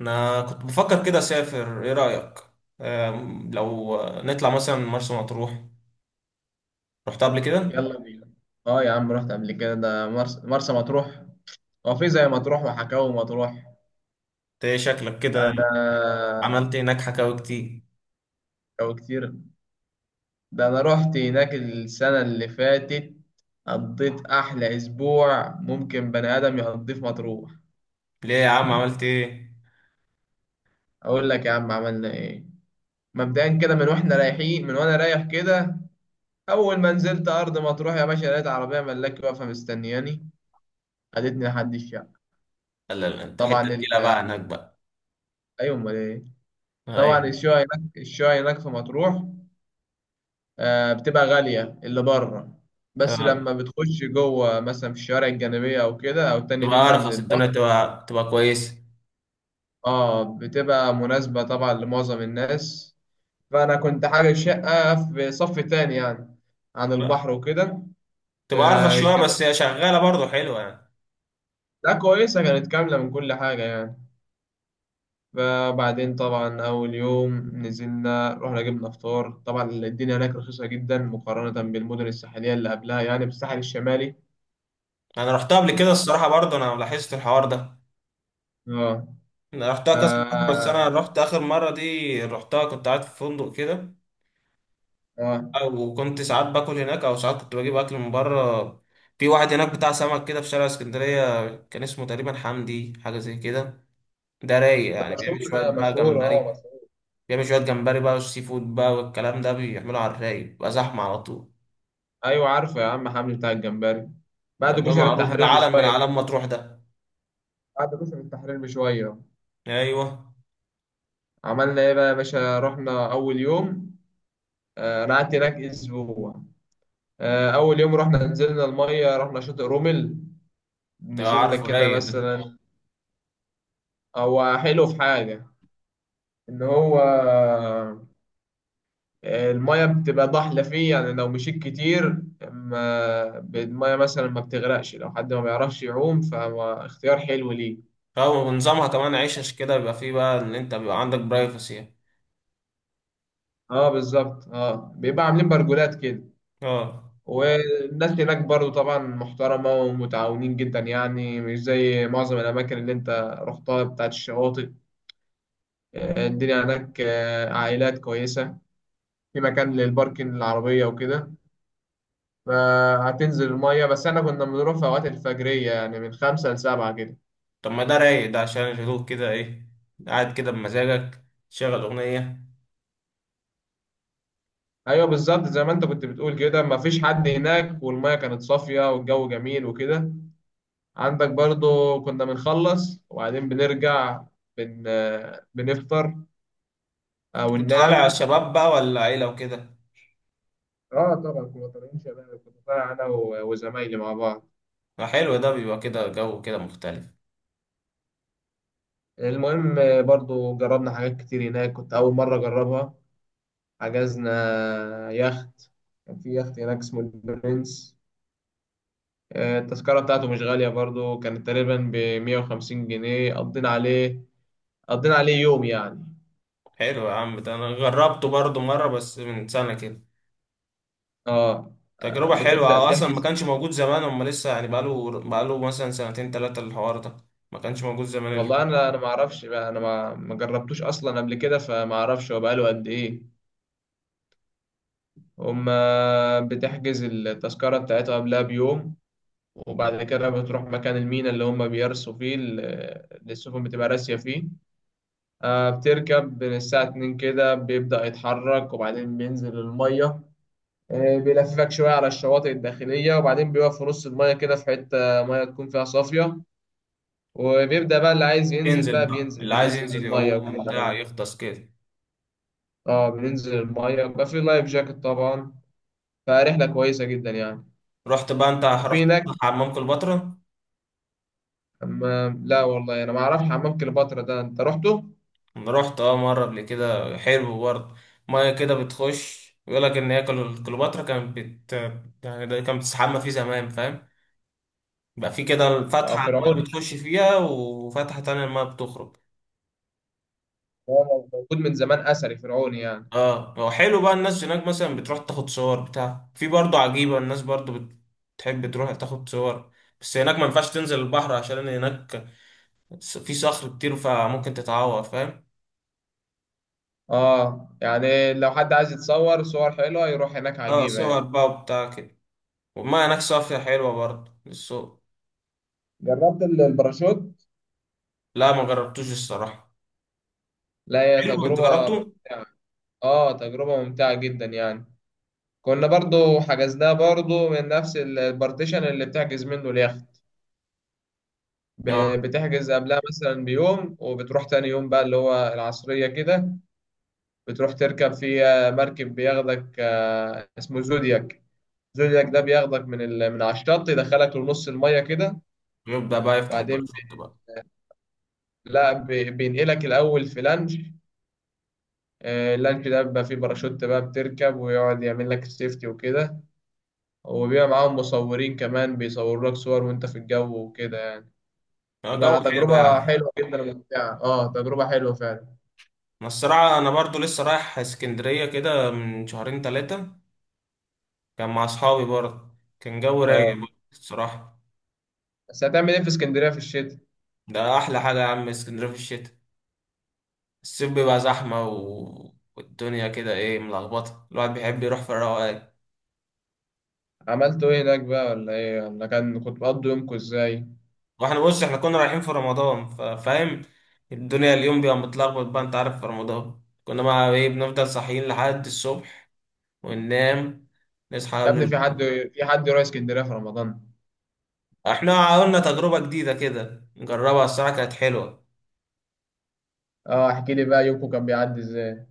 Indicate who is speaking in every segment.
Speaker 1: انا كنت بفكر كده، اسافر، ايه رايك؟ لو نطلع مثلا مرسى مطروح. رحت قبل كده انت؟
Speaker 2: يلا بينا. اه يا عم، رحت قبل كده ده مرسى مطروح. هو في زي مطروح وحكاوي مطروح.
Speaker 1: ايه شكلك كده؟
Speaker 2: انا
Speaker 1: عملت إيه هناك، حكاوي كتير؟
Speaker 2: او كتير. ده انا رحت هناك السنة اللي فاتت، قضيت احلى اسبوع ممكن بني ادم يقضيه في مطروح.
Speaker 1: ليه يا عم، عملت ايه؟
Speaker 2: اقول لك يا عم عملنا ايه. مبدئيا كده، من واحنا رايحين من وانا رايح كده، اول ما نزلت ارض مطروح يا باشا لقيت عربية ملاكي واقفة مستنياني، خدتني لحد الشقة.
Speaker 1: لا لا لا، انت حته
Speaker 2: طبعا
Speaker 1: تقيله بقى هناك بقى.
Speaker 2: ايوه امال ايه. طبعا
Speaker 1: ايوه.
Speaker 2: الشقة هناك، في مطروح، بتبقى غالية اللي بره، بس
Speaker 1: آه،
Speaker 2: لما بتخش جوه مثلا في الشوارع الجانبية أو كده أو تاني
Speaker 1: تبقى
Speaker 2: نمرة من
Speaker 1: ارخص الدنيا،
Speaker 2: البحر
Speaker 1: تبقى كويسه.
Speaker 2: اه بتبقى مناسبة طبعا لمعظم الناس. فأنا كنت حاجة شقة في صف تاني يعني، عن
Speaker 1: بقى.
Speaker 2: البحر وكده.
Speaker 1: تبقى ارخص شويه
Speaker 2: كانت،
Speaker 1: بس هي شغاله برضه حلوه يعني.
Speaker 2: لا كويسة، كانت كاملة من كل حاجة يعني. فبعدين طبعا أول يوم نزلنا رحنا جبنا فطار، طبعا الدنيا هناك رخيصة جدا مقارنة بالمدن الساحلية اللي قبلها يعني بالساحل الشمالي.
Speaker 1: انا رحتها قبل
Speaker 2: انت
Speaker 1: كده
Speaker 2: عارف
Speaker 1: الصراحه،
Speaker 2: طبعا.
Speaker 1: برضه انا لاحظت الحوار ده.
Speaker 2: اه.
Speaker 1: انا رحتها
Speaker 2: ف
Speaker 1: كذا مره، بس انا رحت اخر مره دي، رحتها كنت قاعد في فندق كده.
Speaker 2: اه.
Speaker 1: وكنت ساعات باكل هناك او ساعات كنت بجيب اكل من بره. في واحد هناك بتاع سمك كده في شارع اسكندرية، كان اسمه تقريبا حمدي حاجة زي كده. ده رايق
Speaker 2: ده
Speaker 1: يعني، بيعمل
Speaker 2: مشهور،
Speaker 1: شوية
Speaker 2: ده
Speaker 1: بقى
Speaker 2: مشهور، اه
Speaker 1: جمبري.
Speaker 2: مشهور.
Speaker 1: بيعمل شوية جمبري بقى، والسي فود بقى والكلام ده بيعمله على الرايق، بيبقى زحمة على طول.
Speaker 2: ايوه عارفه يا عم حمدي بتاع الجمبري، بعد
Speaker 1: ده
Speaker 2: كشر
Speaker 1: معروف، ده
Speaker 2: التحرير
Speaker 1: عالم من
Speaker 2: بشويه
Speaker 1: أعلام
Speaker 2: كده.
Speaker 1: مطروح ده.
Speaker 2: بعد كشر التحرير بشويه.
Speaker 1: أيوه.
Speaker 2: عملنا ايه بقى يا باشا. رحنا اول يوم، انا قعدت هناك اسبوع. اول يوم رحنا نزلنا الميه، رحنا شاطئ رومل،
Speaker 1: ده
Speaker 2: نزلنا
Speaker 1: عارفه،
Speaker 2: كده
Speaker 1: رايق ده.
Speaker 2: مثلا. هو حلو في حاجه ان هو المية بتبقى ضحلة فيه يعني، لو مشيت كتير ما المية مثلا ما بتغرقش، لو حد ما بيعرفش يعوم فاختيار حلو ليه.
Speaker 1: اه، ونظامها كمان عيشش كده، بيبقى فيه بقى إن أنت بيبقى عندك برايفسي يعني.
Speaker 2: اه بالظبط، اه بيبقى عاملين برجولات كده.
Speaker 1: اه.
Speaker 2: والناس هناك برضو طبعا محترمة ومتعاونين جدا يعني، مش زي معظم الأماكن اللي أنت رحتها بتاعت الشواطئ. الدنيا هناك عائلات كويسة، في مكان للباركن العربية وكده، فهتنزل المية. بس احنا كنا بنروح في أوقات الفجرية يعني، من 5 لـ 7 كده.
Speaker 1: طب ما ده رايق ده عشان الهدوء كده إيه، قاعد كده بمزاجك، تشغل أغنية.
Speaker 2: ايوه بالظبط، زي ما انت كنت بتقول كده، مفيش حد هناك، والميه كانت صافيه والجو جميل وكده. عندك برضو كنا بنخلص وبعدين بنرجع، بن... بنفطر او
Speaker 1: كنت
Speaker 2: ننام.
Speaker 1: طالع شباب بقى ولا عيلة وكده؟
Speaker 2: اه طبعا كنا طالعين شباب، كنت طالع انا وزمايلي مع بعض.
Speaker 1: ما حلو، ده بيبقى كده جو كده مختلف.
Speaker 2: المهم، برضو جربنا حاجات كتير هناك كنت اول مره اجربها. حجزنا يخت، كان في يخت هناك اسمه البرنس. التذكره بتاعته مش غاليه برضو، كانت تقريبا ب 150 جنيه. قضينا عليه، قضينا عليه يوم يعني.
Speaker 1: حلو يا عم، ده انا جربته برضو مرة بس من سنة كده.
Speaker 2: اه.
Speaker 1: تجربة حلوة.
Speaker 2: بتبدأ
Speaker 1: هو اصلا ما
Speaker 2: تحجز.
Speaker 1: كانش موجود زمان، هما لسه يعني بقاله مثلا سنتين تلاتة الحوار ده. ما كانش موجود زمان.
Speaker 2: والله انا، ما اعرفش بقى، انا ما جربتوش اصلا قبل كده فما اعرفش هو بقاله قد ايه. هم بتحجز التذكرة بتاعتها قبلها بيوم، وبعد كده بتروح مكان المينا اللي هم بيرسوا فيه، اللي السفن بتبقى راسية فيه. بتركب من الساعة 2 كده، بيبدأ يتحرك وبعدين بينزل المية. بيلففك شوية على الشواطئ الداخلية، وبعدين بيقف في نص المية كده في حتة مية تكون فيها صافية، وبيبدأ بقى اللي عايز ينزل
Speaker 1: ينزل
Speaker 2: بقى
Speaker 1: بقى
Speaker 2: بينزل،
Speaker 1: اللي عايز
Speaker 2: بننزل ينزل
Speaker 1: ينزل
Speaker 2: المية
Speaker 1: يعوم
Speaker 2: وكده
Speaker 1: بتاع،
Speaker 2: اه.
Speaker 1: يغطس كده.
Speaker 2: بننزل المية وبقى في لايف جاكيت طبعا، فرحلة كويسة جدا يعني.
Speaker 1: رحت بقى، انت
Speaker 2: وفي
Speaker 1: رحت
Speaker 2: هناك
Speaker 1: حمام كليوباترا؟
Speaker 2: حمام، لا والله أنا ما أعرفش حمام كليوباترا ده، أنت رحته؟
Speaker 1: انا رحت اه مرة قبل كده، حلو برضه. مية كده بتخش، يقول لك ان هي كليوباترا كانت يعني، ده كانت بتستحمى فيه زمان، فاهم؟ بقى في كده
Speaker 2: اه
Speaker 1: فتحة، المايه
Speaker 2: فرعوني يعني.
Speaker 1: بتخش فيها، وفتحة تانية المايه بتخرج.
Speaker 2: هو موجود من زمان، أثري فرعوني يعني.
Speaker 1: اه هو حلو بقى. الناس هناك مثلا بتروح تاخد صور بتاع، في برضه عجيبة الناس برضه، بتحب تروح تاخد صور. بس هناك ما ينفعش تنزل البحر، عشان هناك في صخر كتير، فممكن تتعور فاهم.
Speaker 2: اه يعني لو حد عايز يتصور صور حلوة يروح هناك،
Speaker 1: اه
Speaker 2: عجيبة
Speaker 1: صور
Speaker 2: يعني.
Speaker 1: بقى وبتاع كده. والمية هناك صافية حلوة برضه للسوق.
Speaker 2: جربت الباراشوت؟
Speaker 1: لا ما جربتوش الصراحة.
Speaker 2: لا هي
Speaker 1: حلو، انت
Speaker 2: تجربة
Speaker 1: جربته؟
Speaker 2: ممتعة. اه تجربة ممتعة جدا يعني. كنا برضو حجزناه برضو من نفس البارتيشن اللي بتحجز منه اليخت.
Speaker 1: اه.
Speaker 2: بتحجز قبلها مثلا بيوم، وبتروح تاني يوم بقى اللي هو العصرية كده. بتروح تركب فيها مركب بياخدك، اسمه زودياك. زودياك ده بياخدك من من على الشط، يدخلك لنص المية كده.
Speaker 1: يبدأ بقى يفتح
Speaker 2: بعدين
Speaker 1: الباراشوت
Speaker 2: بي-
Speaker 1: بقى.
Speaker 2: لا بي- بينقلك الأول في لانش. اللانش ده بيبقى فيه باراشوت بقى، بتركب ويقعد يعمل لك السيفتي وكده. وبيبقى معاهم مصورين كمان، بيصوروا لك صور وانت في الجو وكده يعني.
Speaker 1: اه جو
Speaker 2: تبقى
Speaker 1: حلو
Speaker 2: تجربة
Speaker 1: يعني.
Speaker 2: حلوة جدا وممتعة، اه تجربة حلوة فعلا.
Speaker 1: ما الصراحة أنا برضو لسه رايح اسكندرية كده من شهرين تلاتة، كان مع أصحابي برضه، كان جو
Speaker 2: اه
Speaker 1: رايق برضه الصراحة.
Speaker 2: بس هتعمل ايه في اسكندرية في الشتاء؟
Speaker 1: ده أحلى حاجة يا عم، اسكندرية في الشتاء. الصيف بيبقى زحمة و... والدنيا كده إيه ملخبطة، الواحد بيحب يروح في الروقان.
Speaker 2: عملتوا ايه هناك بقى ولا ايه؟ ولا كنت بتقضوا يومكم ازاي؟
Speaker 1: وإحنا بص، إحنا كنا رايحين في رمضان فاهم. الدنيا اليوم بيبقى متلخبط بقى، أنت عارف في رمضان كنا بقى إيه، بنفضل صاحيين لحد الصبح وننام، نصحى
Speaker 2: يا
Speaker 1: قبل
Speaker 2: ابني في
Speaker 1: ال...
Speaker 2: حد، في حد يروح اسكندرية في رمضان؟
Speaker 1: إحنا عملنا تجربة جديدة كده نجربها، الصراحة كانت حلوة.
Speaker 2: اه احكي لي بقى، يومكم كان بيعدي ازاي؟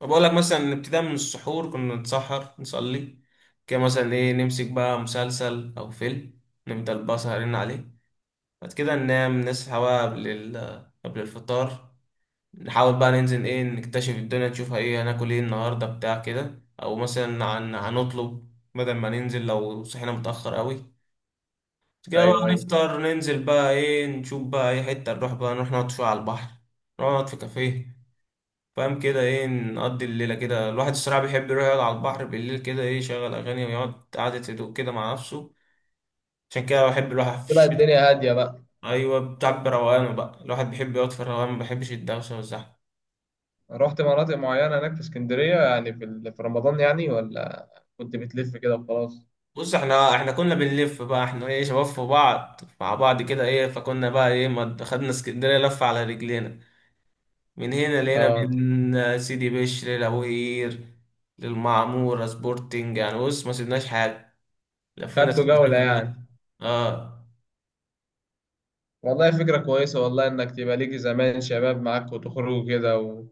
Speaker 1: فبقول لك مثلا، ابتداء من السحور كنا نتسحر نصلي، كده مثلا ايه نمسك بقى مسلسل او فيلم، نفضل بقى سهرين عليه. بعد كده ننام نصحى بقى قبل الفطار. نحاول بقى ننزل ايه، نكتشف الدنيا نشوفها، ايه هناكل ايه النهارده بتاع كده، او مثلا عن هنطلب بدل ما ننزل لو صحينا متأخر قوي. بعد كده بقى
Speaker 2: ايوه ايوه.
Speaker 1: نفطر، ننزل بقى ايه، نشوف بقى اي حتة، نروح بقى نروح نقعد شوية على البحر، نقعد في كافيه. فاهم كده، ايه نقضي الليله كده. الواحد الصراحه بيحب يروح يقعد على البحر بالليل كده، ايه يشغل اغاني ويقعد قعده هدوء كده مع نفسه. عشان كده بحب الواحد في
Speaker 2: تبقى
Speaker 1: الشتاء.
Speaker 2: الدنيا هادية بقى.
Speaker 1: ايوه بتعب روقانه بقى، الواحد بيحب يقعد في الروقان، ما بيحبش الدوشه والزحمه.
Speaker 2: رحت مناطق معينة هناك في اسكندرية يعني في في رمضان يعني، ولا كنت بتلف كده وخلاص؟
Speaker 1: بص احنا كنا بنلف بقى، احنا ايه شباب في بعض مع بعض كده ايه، فكنا بقى ايه، ما خدنا اسكندريه لفه على رجلينا. من هنا لقينا
Speaker 2: اه.
Speaker 1: من سيدي بشر لابوهير للمعموره سبورتنج يعني، بص ما سيبناش حاجه، لفينا
Speaker 2: خدتوا
Speaker 1: اسكندريه
Speaker 2: جولة
Speaker 1: كلها.
Speaker 2: يعني.
Speaker 1: اه
Speaker 2: والله فكرة كويسة والله، إنك تبقى ليكي زمان شباب معاك وتخرجوا كده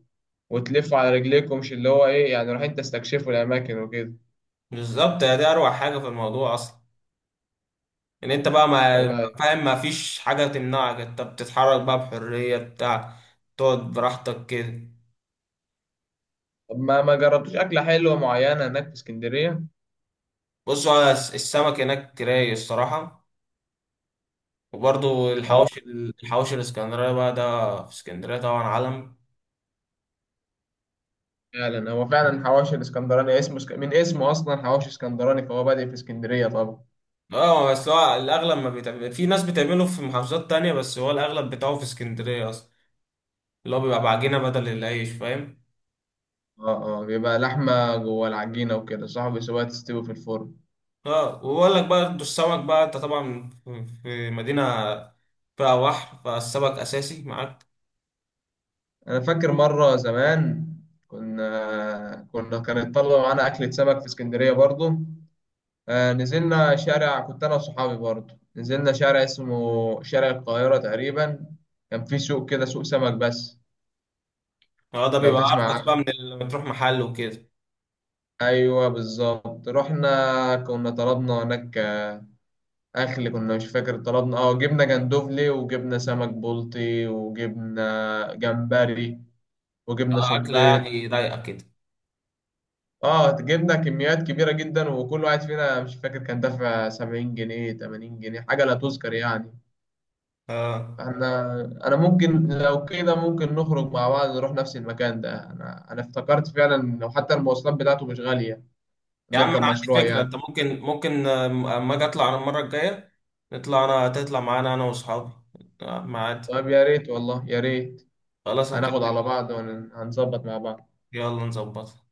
Speaker 2: وتلفوا على رجليكم، مش اللي هو إيه يعني رايحين تستكشفوا الأماكن وكده.
Speaker 1: بالظبط، يا دي اروع حاجه في الموضوع اصلا، ان انت بقى
Speaker 2: والله.
Speaker 1: فاهم ما فيش حاجه تمنعك، انت بتتحرك بقى بحريه بتاع، تقعد براحتك كده.
Speaker 2: طب ما ما جربتوش أكلة حلوة معينة هناك في اسكندرية؟
Speaker 1: بص هو السمك هناك رايق الصراحه. وبرضو
Speaker 2: اه
Speaker 1: الحواوشي الاسكندريه بقى، ده في اسكندريه طبعا علم.
Speaker 2: فعلا، هو فعلا حواوشي الاسكندراني اسمه من اسمه أصلا حواوشي اسكندراني، فهو بادئ في اسكندرية طبعا.
Speaker 1: اه بس هو الاغلب ما بيتعمل، في ناس بتعمله في محافظات تانية، بس هو الاغلب بتاعه في اسكندريه اصلا، اللي هو بيبقى بعجينه بدل العيش فاهم.
Speaker 2: اه اه بيبقى لحمة جوه العجينة وكده صح، بيسيبوها تستوي في الفرن.
Speaker 1: اه وبقول لك بقى انتوا السمك بقى، انت طبعا في مدينة فيها بحر، فالسمك أساسي معاك.
Speaker 2: أنا فاكر مرة زمان كنا كان يطلعوا معانا أكلة سمك في اسكندرية برضه. نزلنا شارع، كنت انا وصحابي برضه، نزلنا شارع اسمه شارع القاهرة تقريبا، كان في سوق كده سوق سمك بس
Speaker 1: اه ده
Speaker 2: لو
Speaker 1: بيبقى
Speaker 2: تسمع
Speaker 1: أرخص
Speaker 2: عنه.
Speaker 1: بقى من اللي بتروح محل وكده.
Speaker 2: ايوه بالظبط، رحنا كنا طلبنا هناك اكل، كنا مش فاكر طلبنا اه، جبنا جندوفلي وجبنا سمك بلطي وجبنا جمبري وجبنا
Speaker 1: أكلة
Speaker 2: صبيط.
Speaker 1: يعني رايقة كده.
Speaker 2: اه جبنا كميات كبيرة جدا، وكل واحد فينا مش فاكر كان دافع 70 جنيه 80 جنيه، حاجة لا تذكر يعني.
Speaker 1: اه
Speaker 2: احنا انا ممكن لو كده، ممكن نخرج مع بعض نروح نفس المكان ده، انا افتكرت فعلا، لو حتى المواصلات بتاعته مش غالية
Speaker 1: يا عم أنا
Speaker 2: نركب مشروع
Speaker 1: عندي فكرة،
Speaker 2: يعني.
Speaker 1: أنت ممكن أما أجي أطلع أنا المرة الجاية، نطلع، أنا تطلع معانا أنا وأصحابي. ما عادي.
Speaker 2: طب يا ريت والله يا ريت.
Speaker 1: خلاص
Speaker 2: هناخد على
Speaker 1: هكلمك.
Speaker 2: بعض وهنظبط مع بعض.
Speaker 1: يلا نظبط.